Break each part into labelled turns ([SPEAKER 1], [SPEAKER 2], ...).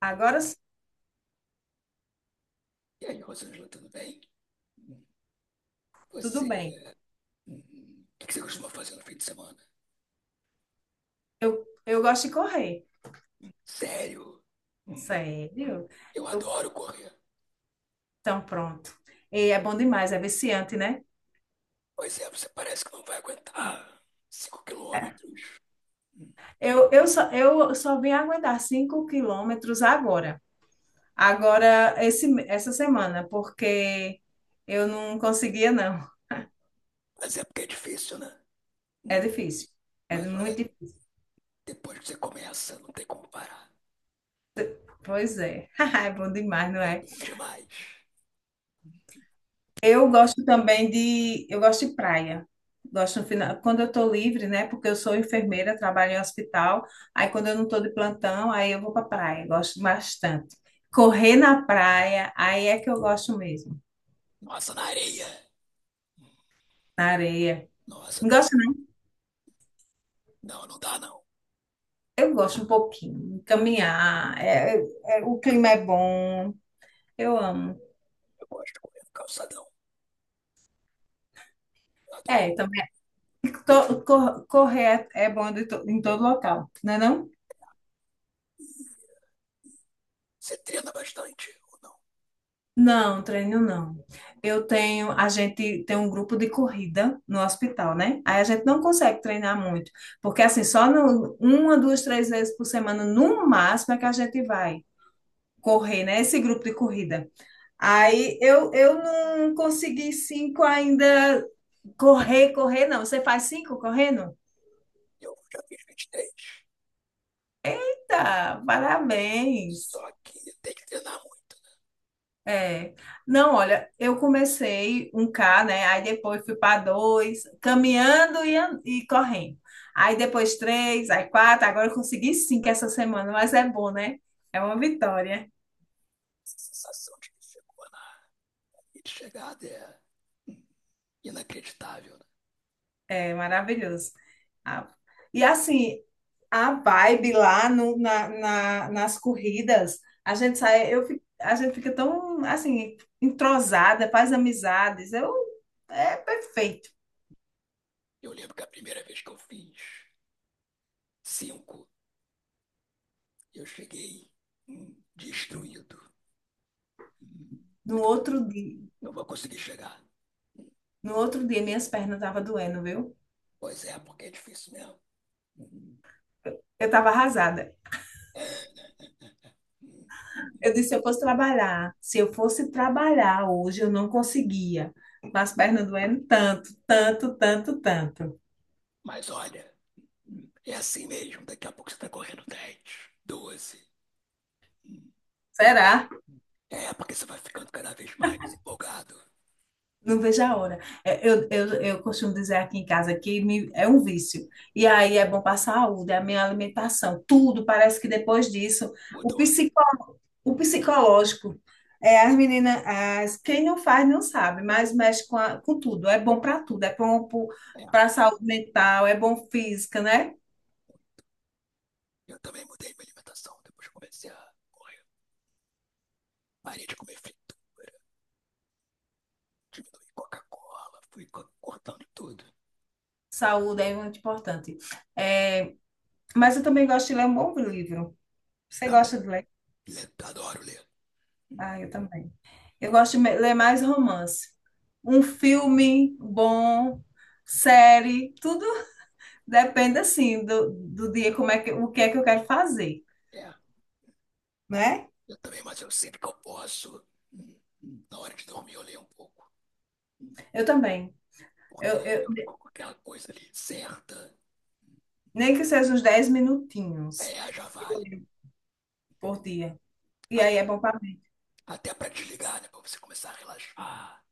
[SPEAKER 1] Agora sim,
[SPEAKER 2] E aí, Rosângela, tudo bem? Hum,
[SPEAKER 1] tudo bem.
[SPEAKER 2] Você. hum, O que que você costuma fazer no fim de semana?
[SPEAKER 1] Eu gosto de correr.
[SPEAKER 2] Sério? Hum, hum,
[SPEAKER 1] Sério?
[SPEAKER 2] Eu
[SPEAKER 1] Eu,
[SPEAKER 2] adoro correr.
[SPEAKER 1] então pronto. E é bom demais, é viciante, né?
[SPEAKER 2] Pois é, você parece que não vai aguentar 5 km. Hum,
[SPEAKER 1] Eu só vim aguentar 5 km agora. Agora, essa semana, porque eu não conseguia, não.
[SPEAKER 2] Mas é porque é difícil, né?
[SPEAKER 1] É
[SPEAKER 2] Hum,
[SPEAKER 1] difícil. É
[SPEAKER 2] Mas olha,
[SPEAKER 1] muito difícil.
[SPEAKER 2] depois que você começa, não tem como parar.
[SPEAKER 1] Pois é. É bom demais, não
[SPEAKER 2] É
[SPEAKER 1] é?
[SPEAKER 2] bom demais.
[SPEAKER 1] Eu gosto de praia. Gosto no final, quando eu estou livre, né? Porque eu sou enfermeira, trabalho em hospital. Aí quando eu não estou de plantão, aí eu vou para praia. Gosto bastante. Correr na praia, aí é que eu gosto mesmo.
[SPEAKER 2] Nossa, na areia.
[SPEAKER 1] Na areia.
[SPEAKER 2] Nossa,
[SPEAKER 1] Não
[SPEAKER 2] tá.
[SPEAKER 1] gosto, não.
[SPEAKER 2] Não, não dá não.
[SPEAKER 1] Eu gosto um pouquinho. Caminhar, o clima é bom. Eu amo.
[SPEAKER 2] Eu gosto de correr no calçadão. Eu adoro.
[SPEAKER 1] É, também. Correr é bom em todo local, não é não?
[SPEAKER 2] Você treina bastante.
[SPEAKER 1] Não, treino não. Eu tenho, a gente tem um grupo de corrida no hospital, né? Aí a gente não consegue treinar muito, porque assim, só no- uma, duas, três vezes por semana, no máximo, é que a gente vai correr, né? Esse grupo de corrida. Aí eu não consegui cinco ainda correr, não. Você faz cinco correndo?
[SPEAKER 2] Eu já fiz 23.
[SPEAKER 1] Tá, parabéns.
[SPEAKER 2] Só que tem que treinar muito.
[SPEAKER 1] É. Não, olha, eu comecei 1K, né? Aí depois fui para dois, caminhando e correndo. Aí depois três, aí quatro, agora eu consegui cinco essa semana, mas é bom, né? É uma vitória.
[SPEAKER 2] Essa sensação de que chegada é hum, inacreditável, né?
[SPEAKER 1] É maravilhoso. Ah, e assim, a vibe lá no, na, na- nas corridas, a gente sai, a gente fica tão assim, entrosada, faz amizades. É perfeito.
[SPEAKER 2] Eu lembro que a primeira vez que eu fiz 5 km, eu cheguei destruído. Hum, Eu
[SPEAKER 1] No
[SPEAKER 2] falei,
[SPEAKER 1] outro dia.
[SPEAKER 2] não vou conseguir chegar.
[SPEAKER 1] No outro dia, minhas pernas estavam doendo, viu?
[SPEAKER 2] Pois é, porque é difícil mesmo. Hum,
[SPEAKER 1] Eu estava arrasada.
[SPEAKER 2] é, hum, hum.
[SPEAKER 1] Eu disse, se eu fosse trabalhar hoje, eu não conseguia. Mas as pernas doendo tanto, tanto, tanto, tanto.
[SPEAKER 2] Mas olha, é assim mesmo. Daqui a pouco você está correndo dez, 12 hum. É,
[SPEAKER 1] Será?
[SPEAKER 2] é porque você vai ficando cada vez mais empolgado.
[SPEAKER 1] Não vejo a hora. É, eu costumo dizer aqui em casa é um vício. E aí é bom para a saúde, é a minha alimentação, tudo. Parece que depois disso, o
[SPEAKER 2] Mudou, né?
[SPEAKER 1] psicó, o psicológico. É, as meninas, quem não faz não sabe, mas mexe com tudo. É bom para tudo. É bom
[SPEAKER 2] É.
[SPEAKER 1] para a saúde mental, é bom física, né?
[SPEAKER 2] Eu também mudei minha alimentação, depois que eu comecei a correr. Parei de comer frito, diminui Coca-Cola, cortando tudo.
[SPEAKER 1] Saúde é muito importante. É, mas eu também gosto de ler um bom livro. Você gosta
[SPEAKER 2] Também.
[SPEAKER 1] de ler?
[SPEAKER 2] Ler, adoro ler. Hum,
[SPEAKER 1] Ah, eu também. Eu gosto de ler mais romance. Um filme bom, série, tudo depende assim do dia, o que é que eu quero fazer,
[SPEAKER 2] É,
[SPEAKER 1] né?
[SPEAKER 2] eu também, mas eu sempre que eu posso, na hora de dormir eu leio um pouco.
[SPEAKER 1] Eu também. Eu,
[SPEAKER 2] Porque aí
[SPEAKER 1] eu-
[SPEAKER 2] eu fico com aquela coisa ali certa.
[SPEAKER 1] Nem que seja uns 10 minutinhos
[SPEAKER 2] É, já
[SPEAKER 1] eu
[SPEAKER 2] vale.
[SPEAKER 1] leio por dia. E
[SPEAKER 2] A-
[SPEAKER 1] aí é bom para mim.
[SPEAKER 2] Até para desligar, né? Pra você começar a relaxar.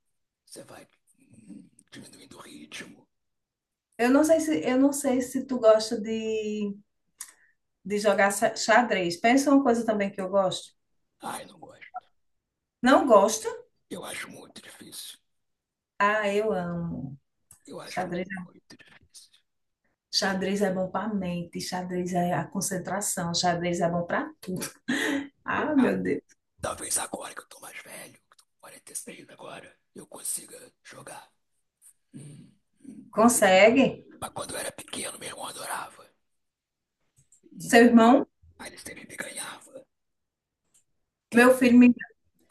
[SPEAKER 2] Você vai diminuindo o ritmo.
[SPEAKER 1] Eu não sei se tu gosta de jogar xadrez. Pensa uma coisa também que eu gosto.
[SPEAKER 2] Ai, não gosto.
[SPEAKER 1] Não gosto?
[SPEAKER 2] Eu acho muito difícil.
[SPEAKER 1] Ah, eu amo.
[SPEAKER 2] Eu acho
[SPEAKER 1] Xadrez.
[SPEAKER 2] muito difícil.
[SPEAKER 1] Xadrez é bom para a mente, xadrez é a concentração, xadrez é bom para tudo. Ah, meu Deus.
[SPEAKER 2] Talvez agora que eu tô mais velho, que tô com 46 agora, eu consiga jogar. Hum, hum.
[SPEAKER 1] Consegue?
[SPEAKER 2] Mas quando eu era pequeno, meu irmão adorava. Hum.
[SPEAKER 1] Seu irmão,
[SPEAKER 2] Aí ele sempre me ganhava. E,
[SPEAKER 1] meu filho me,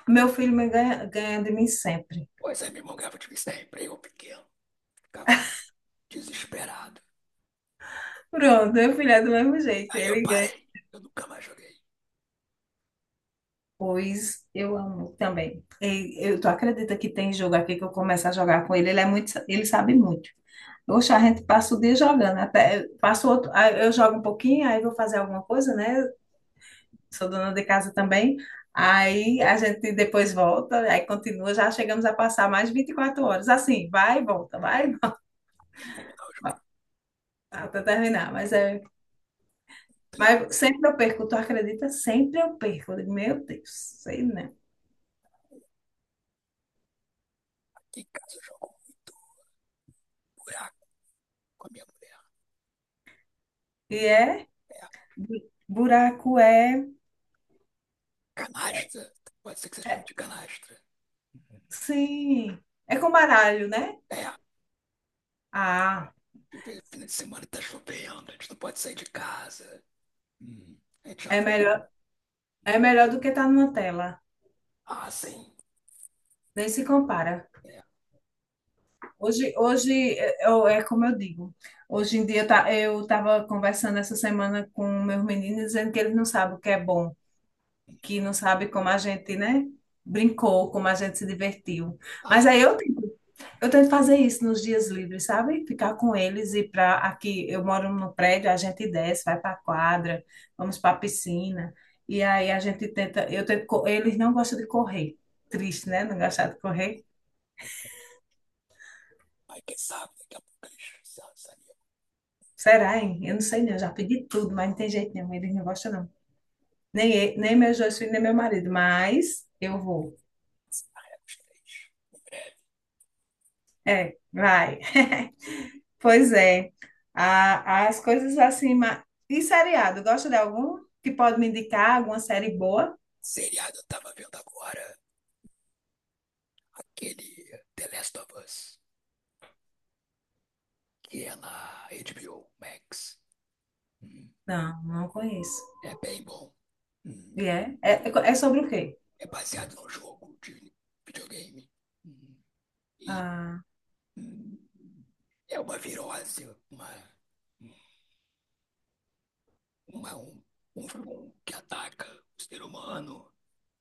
[SPEAKER 1] meu filho ganha de mim sempre.
[SPEAKER 2] pois é, meu irmão ganhava de mim sempre. Eu pequeno, ficava desesperado.
[SPEAKER 1] Pronto, meu filho é do mesmo jeito,
[SPEAKER 2] Aí eu
[SPEAKER 1] ele ganha.
[SPEAKER 2] parei. Eu nunca mais joguei.
[SPEAKER 1] Pois eu amo também. Tu acredita que tem jogo aqui que eu começo a jogar com ele? Ele sabe muito. Oxe, a gente passa o dia jogando, até passo outro, aí eu jogo um pouquinho, aí vou fazer alguma coisa, né? Sou dona de casa também. Aí a gente depois volta, aí continua, já chegamos a passar mais 24 horas. Assim, vai e volta até terminar. Mas sempre eu perco, tu acredita? Sempre eu perco. Eu digo, meu Deus, sei não.
[SPEAKER 2] Ficava com um buraco com a minha mulher.
[SPEAKER 1] E é,
[SPEAKER 2] É,
[SPEAKER 1] buraco é,
[SPEAKER 2] canastra. Pode ser que você chame de canastra.
[SPEAKER 1] sim, é com baralho, né?
[SPEAKER 2] É,
[SPEAKER 1] Ah,
[SPEAKER 2] fim de semana tá chovendo, a gente não pode sair de casa. Hum. A gente já...
[SPEAKER 1] é melhor, é melhor do que estar numa tela.
[SPEAKER 2] Ah, sim.
[SPEAKER 1] Nem se compara.
[SPEAKER 2] É.
[SPEAKER 1] Hoje é como eu digo. Hoje em dia eu estava conversando essa semana com meus meninos dizendo que eles não sabem o que é bom, que não sabem como a gente, né, brincou, como a gente se divertiu.
[SPEAKER 2] Ah,
[SPEAKER 1] Mas aí eu tento fazer isso nos dias livres, sabe? Ficar com eles e para aqui eu moro no prédio, a gente desce, vai para a quadra, vamos para a piscina e aí eu tento, eles não gostam de correr. Triste, né? Não gostar de correr.
[SPEAKER 2] mas quem sabe, daqui a pouco eles se lançaria
[SPEAKER 1] Será, hein? Eu não sei não, eu já pedi tudo, mas não tem jeito nenhum, eles não gostam não. Nem meus dois filhos, nem meu marido, mas eu vou.
[SPEAKER 2] com os três. Em breve.
[SPEAKER 1] É, vai. Pois é. As coisas assim, e seriado, gosta de algum que pode me indicar alguma série boa?
[SPEAKER 2] Seriado, eu tava vendo agora aquele The Last of Us, que é na HBO Max. Hum,
[SPEAKER 1] Não, não conheço.
[SPEAKER 2] É bem bom.
[SPEAKER 1] E
[SPEAKER 2] Hum,
[SPEAKER 1] é? É sobre o quê?
[SPEAKER 2] É baseado num jogo de videogame. Hum, E
[SPEAKER 1] Ah,
[SPEAKER 2] hum, é uma virose, uma, uma, um, um, um que ataca o ser humano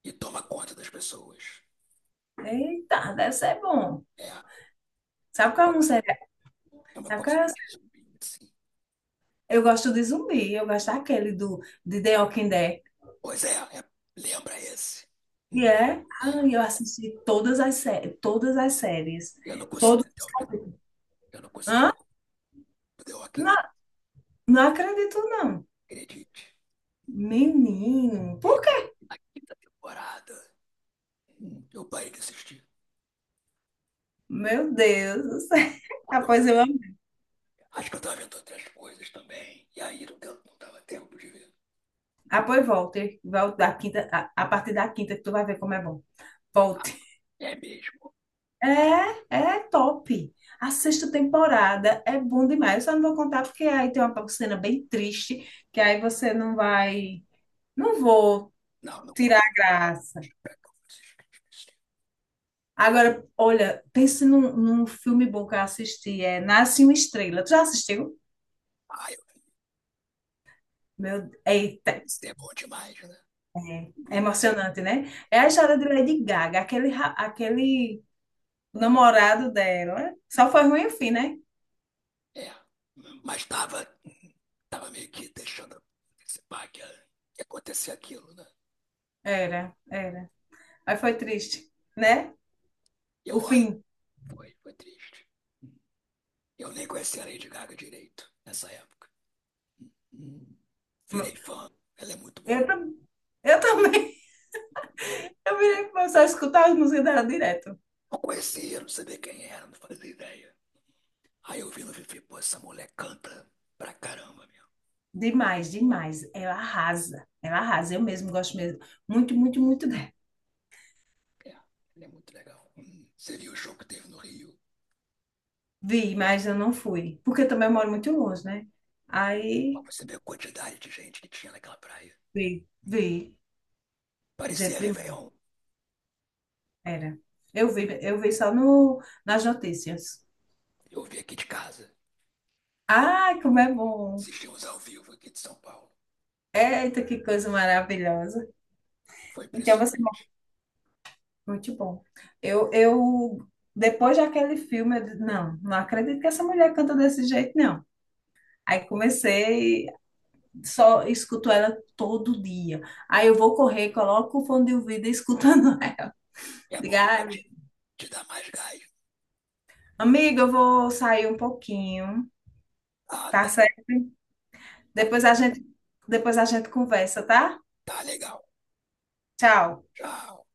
[SPEAKER 2] e toma conta das pessoas.
[SPEAKER 1] eita, deve ser bom.
[SPEAKER 2] É, é uma,
[SPEAKER 1] Sabe
[SPEAKER 2] co-
[SPEAKER 1] qual é um série?
[SPEAKER 2] é uma
[SPEAKER 1] Sabe qual
[SPEAKER 2] coisa
[SPEAKER 1] é?
[SPEAKER 2] meio que zumbi, assim.
[SPEAKER 1] Eu gosto de zumbi, eu gosto daquele do de The Walking Dead.
[SPEAKER 2] Pois é, é, lembra esse.
[SPEAKER 1] E
[SPEAKER 2] Hum,
[SPEAKER 1] é,
[SPEAKER 2] é,
[SPEAKER 1] ah, eu assisti todas as séries,
[SPEAKER 2] eu não consegui
[SPEAKER 1] todos
[SPEAKER 2] até
[SPEAKER 1] os
[SPEAKER 2] o final.
[SPEAKER 1] capítulos.
[SPEAKER 2] Eu não consegui
[SPEAKER 1] Hã?
[SPEAKER 2] até o Walking
[SPEAKER 1] Não,
[SPEAKER 2] Dead.
[SPEAKER 1] não acredito, não.
[SPEAKER 2] Acredite.
[SPEAKER 1] Menino, por
[SPEAKER 2] Chegou
[SPEAKER 1] quê?
[SPEAKER 2] na quinta temporada, eu parei de assistir.
[SPEAKER 1] Meu Deus do céu.
[SPEAKER 2] Porque eu
[SPEAKER 1] Após
[SPEAKER 2] tava,
[SPEAKER 1] eu amo.
[SPEAKER 2] acho que eu tava vendo outras coisas também. E aí não, deu, não dava tempo de ver.
[SPEAKER 1] Após volte. Volte da quinta, a partir da quinta que tu vai ver como é bom. Volte.
[SPEAKER 2] É mesmo.
[SPEAKER 1] É top. A sexta temporada é bom demais. Eu só não vou contar porque aí tem uma cena bem triste, que aí você não vai. Não vou
[SPEAKER 2] Não, não
[SPEAKER 1] tirar
[SPEAKER 2] conta
[SPEAKER 1] a
[SPEAKER 2] não,
[SPEAKER 1] graça.
[SPEAKER 2] é que eu assisti.
[SPEAKER 1] Agora, olha, pense num, filme bom que eu assisti, é Nasce uma Estrela. Tu já assistiu?
[SPEAKER 2] Ah, eu,
[SPEAKER 1] Meu, eita,
[SPEAKER 2] isso é bom demais, né?
[SPEAKER 1] é emocionante, né? É a história de Lady Gaga, aquele namorado dela. Só foi ruim o fim, né?
[SPEAKER 2] É. Mas tava, tava meio que deixando antecipar que ia acontecer aquilo, né?
[SPEAKER 1] Era, era. Aí foi triste, né?
[SPEAKER 2] E eu
[SPEAKER 1] O
[SPEAKER 2] olho,
[SPEAKER 1] fim.
[SPEAKER 2] foi, foi triste. Eu nem conhecia a Lady Gaga direito nessa época. Hum, Virei fã, ela é muito boa.
[SPEAKER 1] Eu, tam- eu também. Eu virei pra só escutar as músicas dela direto.
[SPEAKER 2] Não conhecia, não sabia quem era, não fazia ideia. Aí eu vi no Fifi, pô, essa mulher canta pra caramba, meu.
[SPEAKER 1] Demais, demais. Ela arrasa. Ela arrasa. Eu mesmo gosto mesmo. Muito, muito, muito
[SPEAKER 2] É, ela é muito legal. Você viu o show que teve no Rio?
[SPEAKER 1] Vi, mas eu não fui. Porque eu também moro muito longe, né?
[SPEAKER 2] Ó,
[SPEAKER 1] Aí
[SPEAKER 2] você vê a quantidade de gente que tinha naquela praia.
[SPEAKER 1] vi,
[SPEAKER 2] Hum,
[SPEAKER 1] vi. Gente,
[SPEAKER 2] Parecia Réveillon.
[SPEAKER 1] era. Eu vi só no, nas notícias.
[SPEAKER 2] Eu vi aqui de casa.
[SPEAKER 1] Ai, como é bom!
[SPEAKER 2] Assistimos ao vivo aqui de São Paulo.
[SPEAKER 1] Eita, que coisa maravilhosa.
[SPEAKER 2] Foi
[SPEAKER 1] Então você
[SPEAKER 2] impressionante.
[SPEAKER 1] é muito bom. Eu depois daquele filme, eu disse, não, não acredito que essa mulher canta desse jeito, não. Aí comecei, só escuto ela todo dia. Aí eu vou correr, coloco o fone de ouvido e escutando ela.
[SPEAKER 2] É bom
[SPEAKER 1] Diga,
[SPEAKER 2] que vai
[SPEAKER 1] ai,
[SPEAKER 2] te, te dar mais gás.
[SPEAKER 1] amiga, eu vou sair um pouquinho,
[SPEAKER 2] Ah, tá,
[SPEAKER 1] tá certo?
[SPEAKER 2] tá,
[SPEAKER 1] Depois a gente, depois a gente conversa, tá?
[SPEAKER 2] tá legal.
[SPEAKER 1] Tchau.
[SPEAKER 2] Tchau.